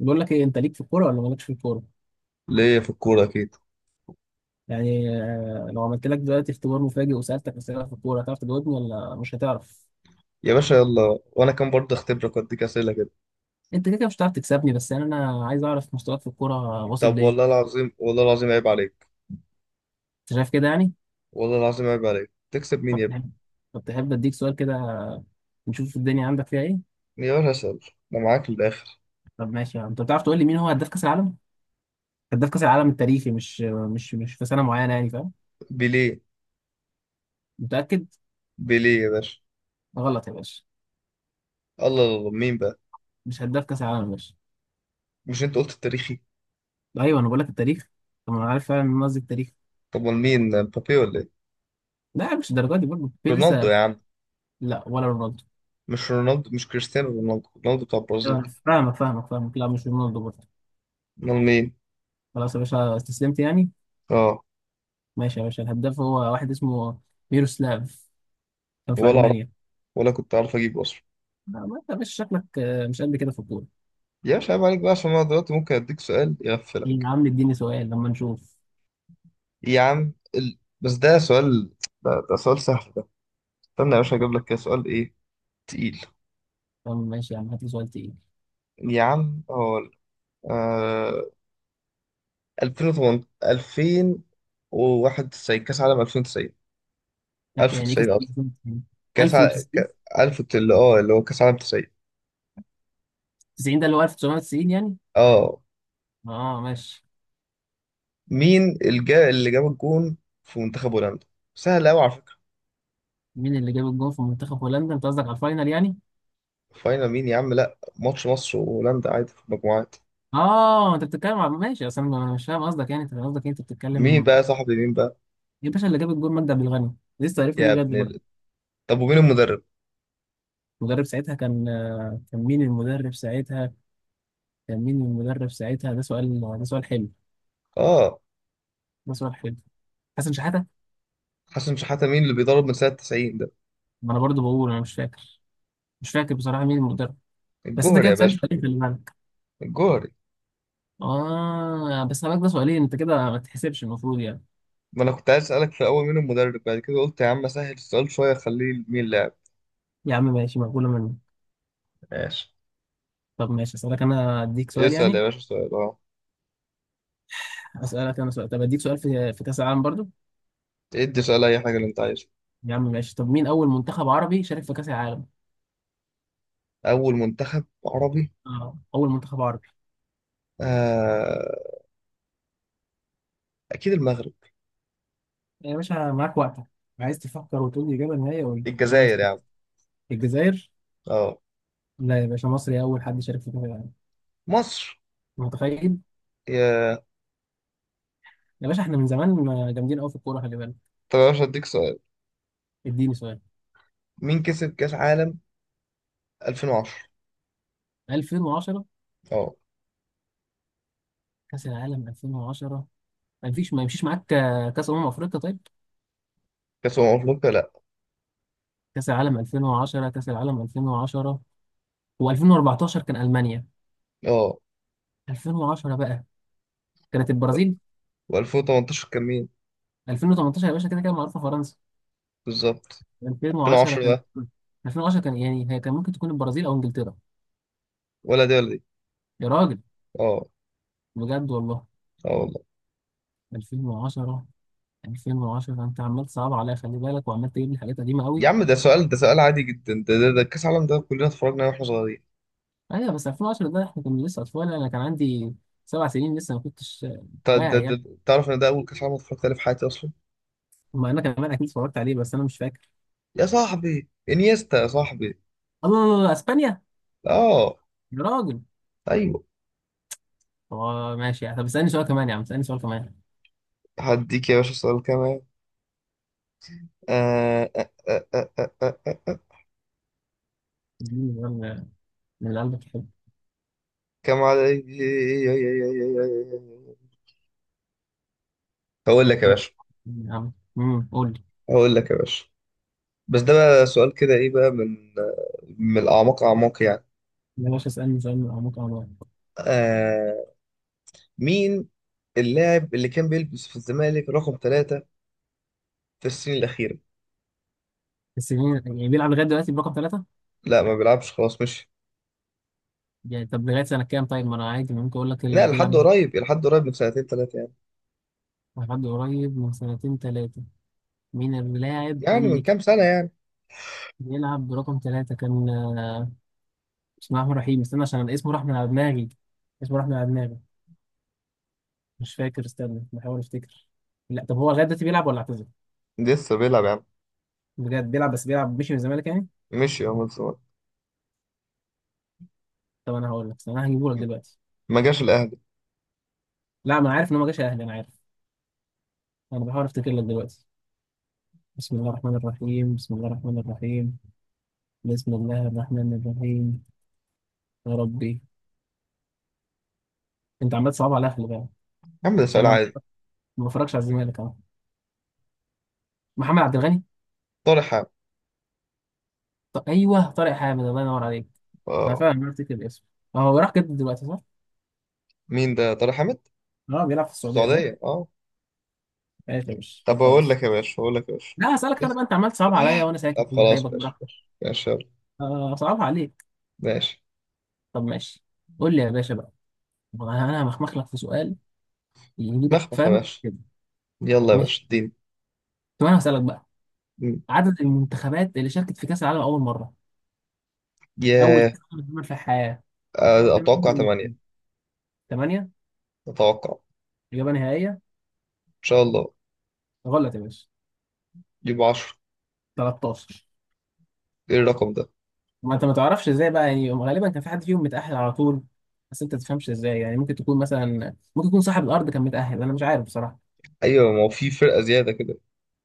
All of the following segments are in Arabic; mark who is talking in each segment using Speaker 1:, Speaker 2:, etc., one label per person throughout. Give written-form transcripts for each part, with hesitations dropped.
Speaker 1: بقول لك ايه، انت ليك في الكوره ولا مالكش في الكوره؟
Speaker 2: ليا في الكورة أكيد.
Speaker 1: يعني لو عملت لك دلوقتي اختبار مفاجئ وسالتك اسئله في الكوره هتعرف تجاوبني ولا مش هتعرف؟
Speaker 2: يا باشا يلا، وأنا كان برضه أختبرك وأديك أسئلة كده.
Speaker 1: انت كده كده مش هتعرف تكسبني، بس يعني انا عايز اعرف مستواك في الكوره واصل
Speaker 2: طب، والله
Speaker 1: لايه.
Speaker 2: العظيم والله العظيم عيب عليك.
Speaker 1: انت شايف كده يعني؟
Speaker 2: والله العظيم عيب عليك، تكسب مين
Speaker 1: طب
Speaker 2: يا ابني؟
Speaker 1: تحب طب تحب اديك سؤال كده، نشوف الدنيا عندك فيها ايه.
Speaker 2: يا باشا أسأل. أنا معاك للآخر.
Speaker 1: طب ماشي يعني. انت بتعرف تقول لي مين هو هداف كاس العالم؟ هداف كاس العالم التاريخي، مش في سنه معينه يعني، فاهم؟
Speaker 2: بيليه.
Speaker 1: متاكد؟
Speaker 2: بيليه يا باشا.
Speaker 1: غلط يا باشا،
Speaker 2: الله الله الله. مين بقى؟
Speaker 1: مش هداف كاس العالم يا باشا.
Speaker 2: مش أنت قلت التاريخي؟
Speaker 1: ايوه انا بقول لك التاريخ. طب ما انا عارف فعلا ان أنا قصدي التاريخ.
Speaker 2: طب أمال مين، مبابي ولا إيه؟
Speaker 1: لا مش الدرجه دي برضه، في
Speaker 2: رونالدو
Speaker 1: لسه.
Speaker 2: يا عم.
Speaker 1: لا ولا رونالدو.
Speaker 2: مش رونالدو، مش كريستيانو رونالدو، رونالدو بتاع
Speaker 1: تمام،
Speaker 2: البرازيل.
Speaker 1: فاهمك فاهمك فاهمك. لا مش رونالدو برضه.
Speaker 2: أمال مين؟
Speaker 1: خلاص يا باشا استسلمت يعني؟
Speaker 2: أه.
Speaker 1: ماشي يا باشا، الهداف هو واحد اسمه ميروسلاف، كان في
Speaker 2: ولا أعرف.
Speaker 1: ألمانيا.
Speaker 2: ولا كنت أعرف أجيبه أصلا.
Speaker 1: لا ما انت يا باشا شكلك مش قد كده في الكورة.
Speaker 2: يا باشا عيب عليك بقى، عشان أنا دلوقتي ممكن أديك سؤال
Speaker 1: إيه
Speaker 2: يغفلك.
Speaker 1: يا عم؟ اديني سؤال لما نشوف.
Speaker 2: يا عم بس ده سؤال. ده سؤال سهل ده. استنى يا باشا
Speaker 1: طب.
Speaker 2: اجيب لك كده سؤال ايه، تقيل.
Speaker 1: طب ماشي يا عم هات لي سؤال تقيل.
Speaker 2: يا عم هو آه... 2008 2091 كاس عالم 2090
Speaker 1: لا، يعني ايه كاس
Speaker 2: 1090 قصدي
Speaker 1: 1990
Speaker 2: كاس
Speaker 1: 1090؟
Speaker 2: 1000 اللي هو كاس عالم 90.
Speaker 1: 90 ده اللي هو 1990 يعني.
Speaker 2: اه،
Speaker 1: اه ماشي.
Speaker 2: مين اللي جاب الجون في منتخب هولندا؟ سهل قوي على فكرة.
Speaker 1: مين اللي جاب الجون في منتخب هولندا؟ انت قصدك على الفاينل يعني؟
Speaker 2: فاينل مين يا عم، لا ماتش مصر وهولندا عادي في المجموعات.
Speaker 1: اه انت بتتكلم على، ماشي، اصل أنا مش فاهم قصدك يعني، انت قصدك إيه؟ انت
Speaker 2: مين
Speaker 1: بتتكلم.
Speaker 2: بقى يا صاحبي، مين بقى؟
Speaker 1: يا باشا اللي جاب الجول مجدي عبد الغني، لسه عرفنا بيه
Speaker 2: يا
Speaker 1: لغايه
Speaker 2: ابن
Speaker 1: دلوقتي.
Speaker 2: ال... طب، ومين المدرب؟
Speaker 1: المدرب ساعتها كان، كان مين المدرب ساعتها؟ كان مين المدرب ساعتها؟ ده سؤال، ده سؤال حلو.
Speaker 2: اه.
Speaker 1: ده سؤال حلو. حسن شحاته.
Speaker 2: حسن شحاتة، مين اللي بيضرب من سنة 90 ده؟
Speaker 1: ما انا برضو بقول انا مش فاكر. مش فاكر بصراحه مين المدرب. بس انت
Speaker 2: الجوهري
Speaker 1: كده
Speaker 2: يا
Speaker 1: بتسالني
Speaker 2: باشا.
Speaker 1: سؤالين في بالك.
Speaker 2: الجوهري.
Speaker 1: اه بس انا ده سؤالين، انت كده ما تحسبش المفروض يعني.
Speaker 2: ما انا كنت عايز اسألك في الاول مين المدرب، بعد كده قلت يا عم سهل السؤال شوية، خليه مين اللاعب.
Speaker 1: يا عم ماشي، مقبوله مني.
Speaker 2: ماشي.
Speaker 1: طب ماشي اسالك انا اديك سؤال
Speaker 2: اسأل
Speaker 1: يعني.
Speaker 2: يا باشا سؤال، اه.
Speaker 1: اسالك انا سؤال، طب اديك سؤال في كاس العالم برضو.
Speaker 2: ادي سؤال اي حاجة اللي انت عايزها.
Speaker 1: يا عم ماشي، طب مين اول منتخب عربي شارك في كاس العالم؟
Speaker 2: اول منتخب عربي؟
Speaker 1: اه اول منتخب عربي.
Speaker 2: آه... اكيد المغرب.
Speaker 1: يا باشا معاك وقتك، عايز تفكر وتقول لي إجابة نهائية قول لي، أنا
Speaker 2: الجزائر يا
Speaker 1: مستني.
Speaker 2: عم.
Speaker 1: الجزائر؟
Speaker 2: اه.
Speaker 1: لا يا باشا، مصري أول حد شارك في كأس العالم.
Speaker 2: مصر.
Speaker 1: متخيل؟
Speaker 2: يا
Speaker 1: يا باشا إحنا من زمان ما جامدين أوي في الكورة، خلي بالك.
Speaker 2: طب يا باشا اديك سؤال،
Speaker 1: اديني سؤال.
Speaker 2: مين كسب كاس عالم 2010؟
Speaker 1: 2010؟
Speaker 2: اه.
Speaker 1: كأس العالم 2010. ما فيش ما يمشيش معاك، كأس أمم أفريقيا طيب؟
Speaker 2: كاس افريقيا لا.
Speaker 1: كأس العالم 2010، كأس العالم 2010. و2014 كان ألمانيا.
Speaker 2: اه.
Speaker 1: 2010 بقى كانت البرازيل.
Speaker 2: و2018 كان مين؟
Speaker 1: 2018 يا باشا كده كده معروفة، فرنسا.
Speaker 2: بالظبط.
Speaker 1: 2010
Speaker 2: 2010
Speaker 1: كان،
Speaker 2: ده.
Speaker 1: 2010 كان يعني، هي كان ممكن تكون البرازيل أو إنجلترا.
Speaker 2: ولا دي ولا دي.
Speaker 1: يا راجل
Speaker 2: اه.
Speaker 1: بجد والله.
Speaker 2: اه والله.
Speaker 1: 2010. 2010 انت عمال تصعب عليا، خلي بالك، وعمال تجيب لي حاجات قديمه قوي.
Speaker 2: يا عم ده سؤال، ده سؤال عادي جدا، ده كاس العالم ده كلنا اتفرجنا عليه واحنا صغيرين.
Speaker 1: ايوه بس 2010 ده احنا كنا لسه اطفال، انا كان عندي سبع سنين، لسه ما كنتش
Speaker 2: انت ده,
Speaker 1: واعي يعني.
Speaker 2: ده تعرف ان ده اول كاس عالم اتفرجت عليه في حياتي اصلا.
Speaker 1: ما انا كمان اكيد اتفرجت عليه بس انا مش فاكر.
Speaker 2: يا صاحبي انيستا يا صاحبي.
Speaker 1: الله الله الله، اسبانيا.
Speaker 2: اه.
Speaker 1: يا راجل.
Speaker 2: ايوه.
Speaker 1: اه ماشي، طب اسالني سؤال كمان يا عم، اسالني سؤال كمان.
Speaker 2: هديك يا باشا سؤال كمان. آه آه آه آه آه آه آه. آه.
Speaker 1: اديني سؤال. من اللي قلبك يحب؟
Speaker 2: كم عليك. هقول لك يا
Speaker 1: يلا
Speaker 2: باشا.
Speaker 1: يا عم. قول لي
Speaker 2: هقول لك يا باشا. بس ده بقى سؤال كده، ايه بقى؟ من الاعماق، اعماق يعني.
Speaker 1: يا باشا، اسالني سؤال من عمق انا.
Speaker 2: آه مين اللاعب اللي كان بيلبس في الزمالك رقم 3 في السنين الأخيرة.
Speaker 1: السنين يعني بيلعب لغايه دلوقتي برقم ثلاثه
Speaker 2: لا، ما بيلعبش خلاص مشي.
Speaker 1: يعني؟ طب لغايه سنه كام طيب؟ ما انا عادي ممكن اقول لك
Speaker 2: لا،
Speaker 1: اللي
Speaker 2: لحد
Speaker 1: بيلعب.
Speaker 2: قريب، لحد قريب من سنتين ثلاثة يعني.
Speaker 1: لحد قريب من سنتين تلاتة، مين اللاعب
Speaker 2: يعني من
Speaker 1: اللي كان
Speaker 2: كام سنة يعني.
Speaker 1: بيلعب برقم تلاتة، كان بسم الله الرحمن الرحيم، استنى عشان اسمه راح من على دماغي. اسمه راح من على دماغي. مش فاكر، استنى بحاول افتكر. لا طب هو لغاية دلوقتي بيلعب ولا اعتزل؟
Speaker 2: لسه بيلعب يا عم.
Speaker 1: بجد بيلعب؟ بس بيلعب مشي من الزمالك يعني؟
Speaker 2: مشي يا عم الزمالك.
Speaker 1: طب انا هقول لك، استنى انا هجيبه لك دلوقتي.
Speaker 2: ما جاش الأهلي.
Speaker 1: لا ما انا عارف ان هو ما جاش اهلي، انا عارف. انا بحاول افتكر لك دلوقتي. بسم الله الرحمن الرحيم، بسم الله الرحمن الرحيم. بسم الله الرحمن الرحيم. يا ربي. انت عمال تصعب على اهلي بقى.
Speaker 2: يا عم ده سؤال
Speaker 1: عشان انا
Speaker 2: عادي.
Speaker 1: ما بفرجش على الزمالك اهو. محمد عبد الغني.
Speaker 2: طارق حامد.
Speaker 1: ايوه طارق حامد، الله ينور عليك. انا
Speaker 2: اه.
Speaker 1: فعلا عرفت كده الاسم. هو راح جد دلوقتي صح؟
Speaker 2: مين ده طارق حامد؟
Speaker 1: اه بيلعب في السعودية صح؟
Speaker 2: السعودية اه.
Speaker 1: ماشي يا باشا
Speaker 2: طب،
Speaker 1: طب
Speaker 2: أقول
Speaker 1: خلاص.
Speaker 2: لك يا باشا. أقول لك يا باشا.
Speaker 1: لا هسألك انا
Speaker 2: بس.
Speaker 1: بقى، انت عمال تصعب
Speaker 2: آه.
Speaker 1: عليا وانا ساكت.
Speaker 2: طب خلاص،
Speaker 1: هيبك
Speaker 2: ماشي
Speaker 1: براحتك.
Speaker 2: ماشي ماشي.
Speaker 1: صعبها عليك.
Speaker 2: يلا ماشي.
Speaker 1: طب ماشي. قول لي يا باشا بقى، انا همخمخ لك في سؤال يجيبك
Speaker 2: مخمخ يا
Speaker 1: فاهم
Speaker 2: باشا.
Speaker 1: كده.
Speaker 2: يلا يا
Speaker 1: ماشي.
Speaker 2: باشا اديني.
Speaker 1: طب انا هسألك بقى،
Speaker 2: مم.
Speaker 1: عدد المنتخبات اللي شاركت في كأس العالم اول مرة، اول
Speaker 2: ياه.
Speaker 1: كأس عالم اتعمل في الحياة. كام؟
Speaker 2: أتوقع 8.
Speaker 1: 8؟
Speaker 2: أتوقع.
Speaker 1: إجابة نهائية؟
Speaker 2: إن شاء الله.
Speaker 1: غلط يا باشا.
Speaker 2: يبقى 10.
Speaker 1: 13.
Speaker 2: إيه الرقم ده؟
Speaker 1: ما انت ما تعرفش ازاي بقى يعني، غالبا كان في حد فيهم متأهل على طول، بس انت تفهمش ازاي يعني، ممكن تكون مثلا، ممكن يكون صاحب الارض كان متأهل، انا مش عارف بصراحة.
Speaker 2: أيوة ما هو في فرقة زيادة كده.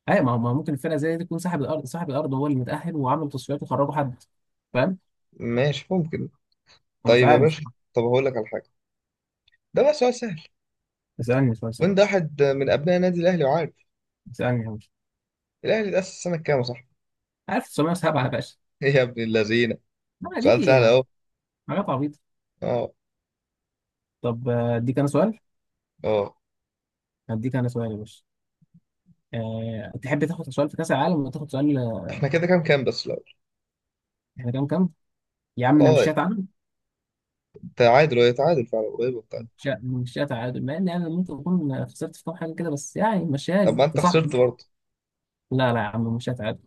Speaker 1: اي ما هو ممكن الفرقة زي دي تكون صاحب الارض، صاحب الارض هو اللي متأهل وعمل تصفيات وخرجوا حد، فاهم.
Speaker 2: ماشي ممكن.
Speaker 1: انا مش
Speaker 2: طيب يا
Speaker 1: عارف
Speaker 2: باشا.
Speaker 1: بصراحة.
Speaker 2: طب هقول لك على حاجه. ده بقى سؤال سهل.
Speaker 1: اسألني اسألني اسألني.
Speaker 2: وانت واحد من ابناء النادي الاهلي وعارف.
Speaker 1: اسألني يا باشا.
Speaker 2: الاهلي اتاسس سنه كام يا صاحبي؟
Speaker 1: عارف، 907 يا باشا.
Speaker 2: ايه يا ابن اللذينه.
Speaker 1: لا دي
Speaker 2: سؤال سهل اهو.
Speaker 1: حاجات عبيطة.
Speaker 2: اه.
Speaker 1: طب اديك انا سؤال،
Speaker 2: اه.
Speaker 1: هديك انا سؤال يا باشا. تحب تاخد سؤال في كأس العالم ولا تاخد سؤال؟
Speaker 2: احنا كده كام كام بس الاول؟
Speaker 1: احنا كام كام؟ يا عم انا مش
Speaker 2: اه.
Speaker 1: شات.
Speaker 2: تعادل، وهي تعادل فعلا، قريب وبتاع.
Speaker 1: مشيها مشيها تعادل، مع ان يعني ممكن اكون خسرت في كام حاجه كده، بس يعني مشاني
Speaker 2: طب ما
Speaker 1: انت
Speaker 2: انت
Speaker 1: صاحبي.
Speaker 2: خسرت برضه.
Speaker 1: لا لا يا عم مشيها تعادل.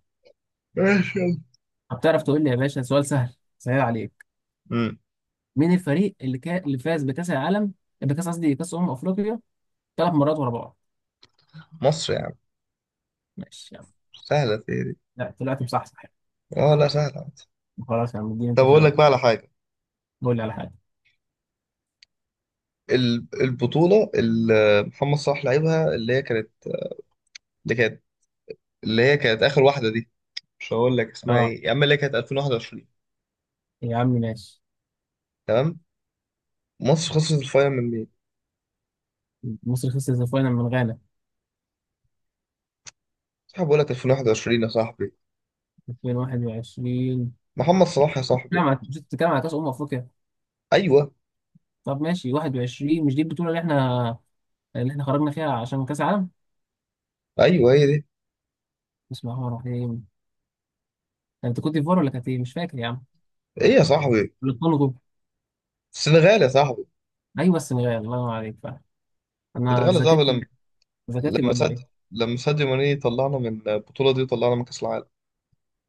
Speaker 2: ماشي يلا.
Speaker 1: هتعرف تقول لي يا باشا سؤال سهل سهل عليك،
Speaker 2: امم.
Speaker 1: مين الفريق اللي اللي فاز بكاس العالم، بكاس قصدي كاس افريقيا ثلاث مرات ورا بعض؟
Speaker 2: مصر يا عم.
Speaker 1: ماشي يا عم.
Speaker 2: سهله في إيه دي.
Speaker 1: لا طلعت مصحصح يعني.
Speaker 2: اه، لا سهله عادي.
Speaker 1: خلاص يا عم اديني
Speaker 2: طب
Speaker 1: انت
Speaker 2: اقول
Speaker 1: سؤال.
Speaker 2: لك بقى على حاجه.
Speaker 1: قول لي على حاجه.
Speaker 2: البطوله اللي محمد صلاح لعبها، اللي هي كانت اللي كانت اخر واحده دي. مش هقول لك اسمها
Speaker 1: اه
Speaker 2: ايه يا عم، اللي هي كانت 2021.
Speaker 1: يا عم ماشي.
Speaker 2: تمام. مصر خسرت الفاينل من مين؟
Speaker 1: مصر خسرت الفاينل من غانا.
Speaker 2: صاحبي بقول لك 2021 يا صاحبي.
Speaker 1: 2021؟
Speaker 2: محمد صلاح يا
Speaker 1: بتتكلم
Speaker 2: صاحبي.
Speaker 1: على، مش بتتكلم على كاس افريقيا؟
Speaker 2: ايوه
Speaker 1: طب ماشي، 21 مش دي البطوله اللي احنا، اللي احنا خرجنا فيها عشان كاس العالم؟
Speaker 2: ايوه هي دي.
Speaker 1: بسم الله الرحمن الرحيم. انت كنت في فار ولا كانت ايه، مش فاكر يا عم.
Speaker 2: ايه يا صاحبي؟
Speaker 1: الكونغو.
Speaker 2: السنغال يا صاحبي.
Speaker 1: ايوه السنغال، الله ينور عليك فعلا. انا
Speaker 2: السنغال يا صاحبي،
Speaker 1: ذاكرتي،
Speaker 2: لما
Speaker 1: ذاكرتي
Speaker 2: لما
Speaker 1: بقت
Speaker 2: سد
Speaker 1: ضعيفه.
Speaker 2: لما ساديو ماني طلعنا من البطولة دي وطلعنا من كأس العالم.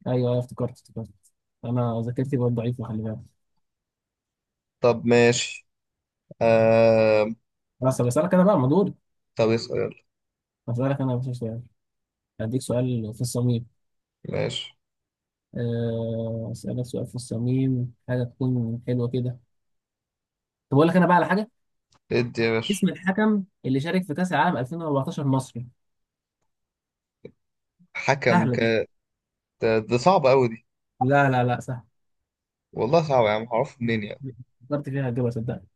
Speaker 1: ايوه ايوه افتكرت افتكرت. انا ذاكرتي بقت ضعيفه، خلي بالك.
Speaker 2: طب ماشي. آه...
Speaker 1: خلاص طب اسالك انا بقى مدور،
Speaker 2: طب اسأل يلا.
Speaker 1: اسالك انا مش سؤال، هديك سؤال في الصميم.
Speaker 2: ماشي.
Speaker 1: اسالك سؤال في الصميم حاجه تكون حلوه كده. طب اقول لك انا بقى على حاجه.
Speaker 2: ادي يا باشا.
Speaker 1: اسم الحكم اللي شارك في كاس العالم 2014 مصري.
Speaker 2: حكم
Speaker 1: سهله دي.
Speaker 2: كانت. ده صعبة قوي دي.
Speaker 1: لا لا لا سهله.
Speaker 2: والله صعبة يا عم، هعرفه منين يعني؟
Speaker 1: فكرت فيها هتجيبها صدقني.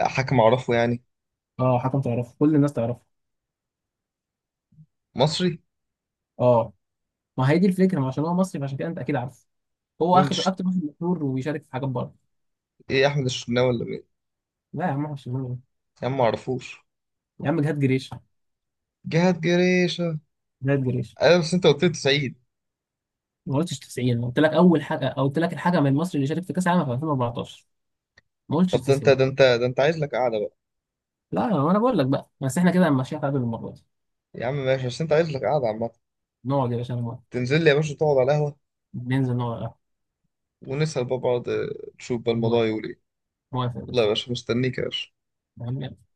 Speaker 2: حكم اعرفه يعني؟
Speaker 1: اه حكم تعرفه، كل الناس تعرفه.
Speaker 2: مصري.
Speaker 1: اه، ما هي دي الفكره، ما عشان هو مصري فعشان كده انت اكيد عارف. هو
Speaker 2: مين
Speaker 1: اخد اكتر واحد مشهور وبيشارك في حاجات بره.
Speaker 2: ايه، احمد الشناوي ولا؟
Speaker 1: لا يا عم مش مهم.
Speaker 2: يا عم معرفوش.
Speaker 1: يا عم جهاد جريش.
Speaker 2: جهاد جريشة.
Speaker 1: جهاد جريش.
Speaker 2: ايوه بس انت قلت لي سعيد.
Speaker 1: ما قلتش 90، قلت لك اول حاجه، أو قلت لك الحاجه من المصري اللي شارك في كاس العالم في 2014. ما قلتش
Speaker 2: طب ده انت
Speaker 1: 90.
Speaker 2: ده انت ده انت عايز لك قعدة بقى.
Speaker 1: لا ما انا بقول لك بقى، بس احنا كده ماشيين قبل المره دي.
Speaker 2: يا عم ماشي، بس انت عايز لك قعدة عامة.
Speaker 1: نقعد يا باشا انا موافق.
Speaker 2: تنزل لي يا باشا تقعد على القهوة.
Speaker 1: ننزل نقعد على القهوة.
Speaker 2: ونسأل بقى بعض نشوف بقى
Speaker 1: موافق.
Speaker 2: الموضوع يقول ايه.
Speaker 1: موافق يا
Speaker 2: يلا يا
Speaker 1: باشا.
Speaker 2: باشا مستنيك يا باشا.
Speaker 1: يا عم يلا.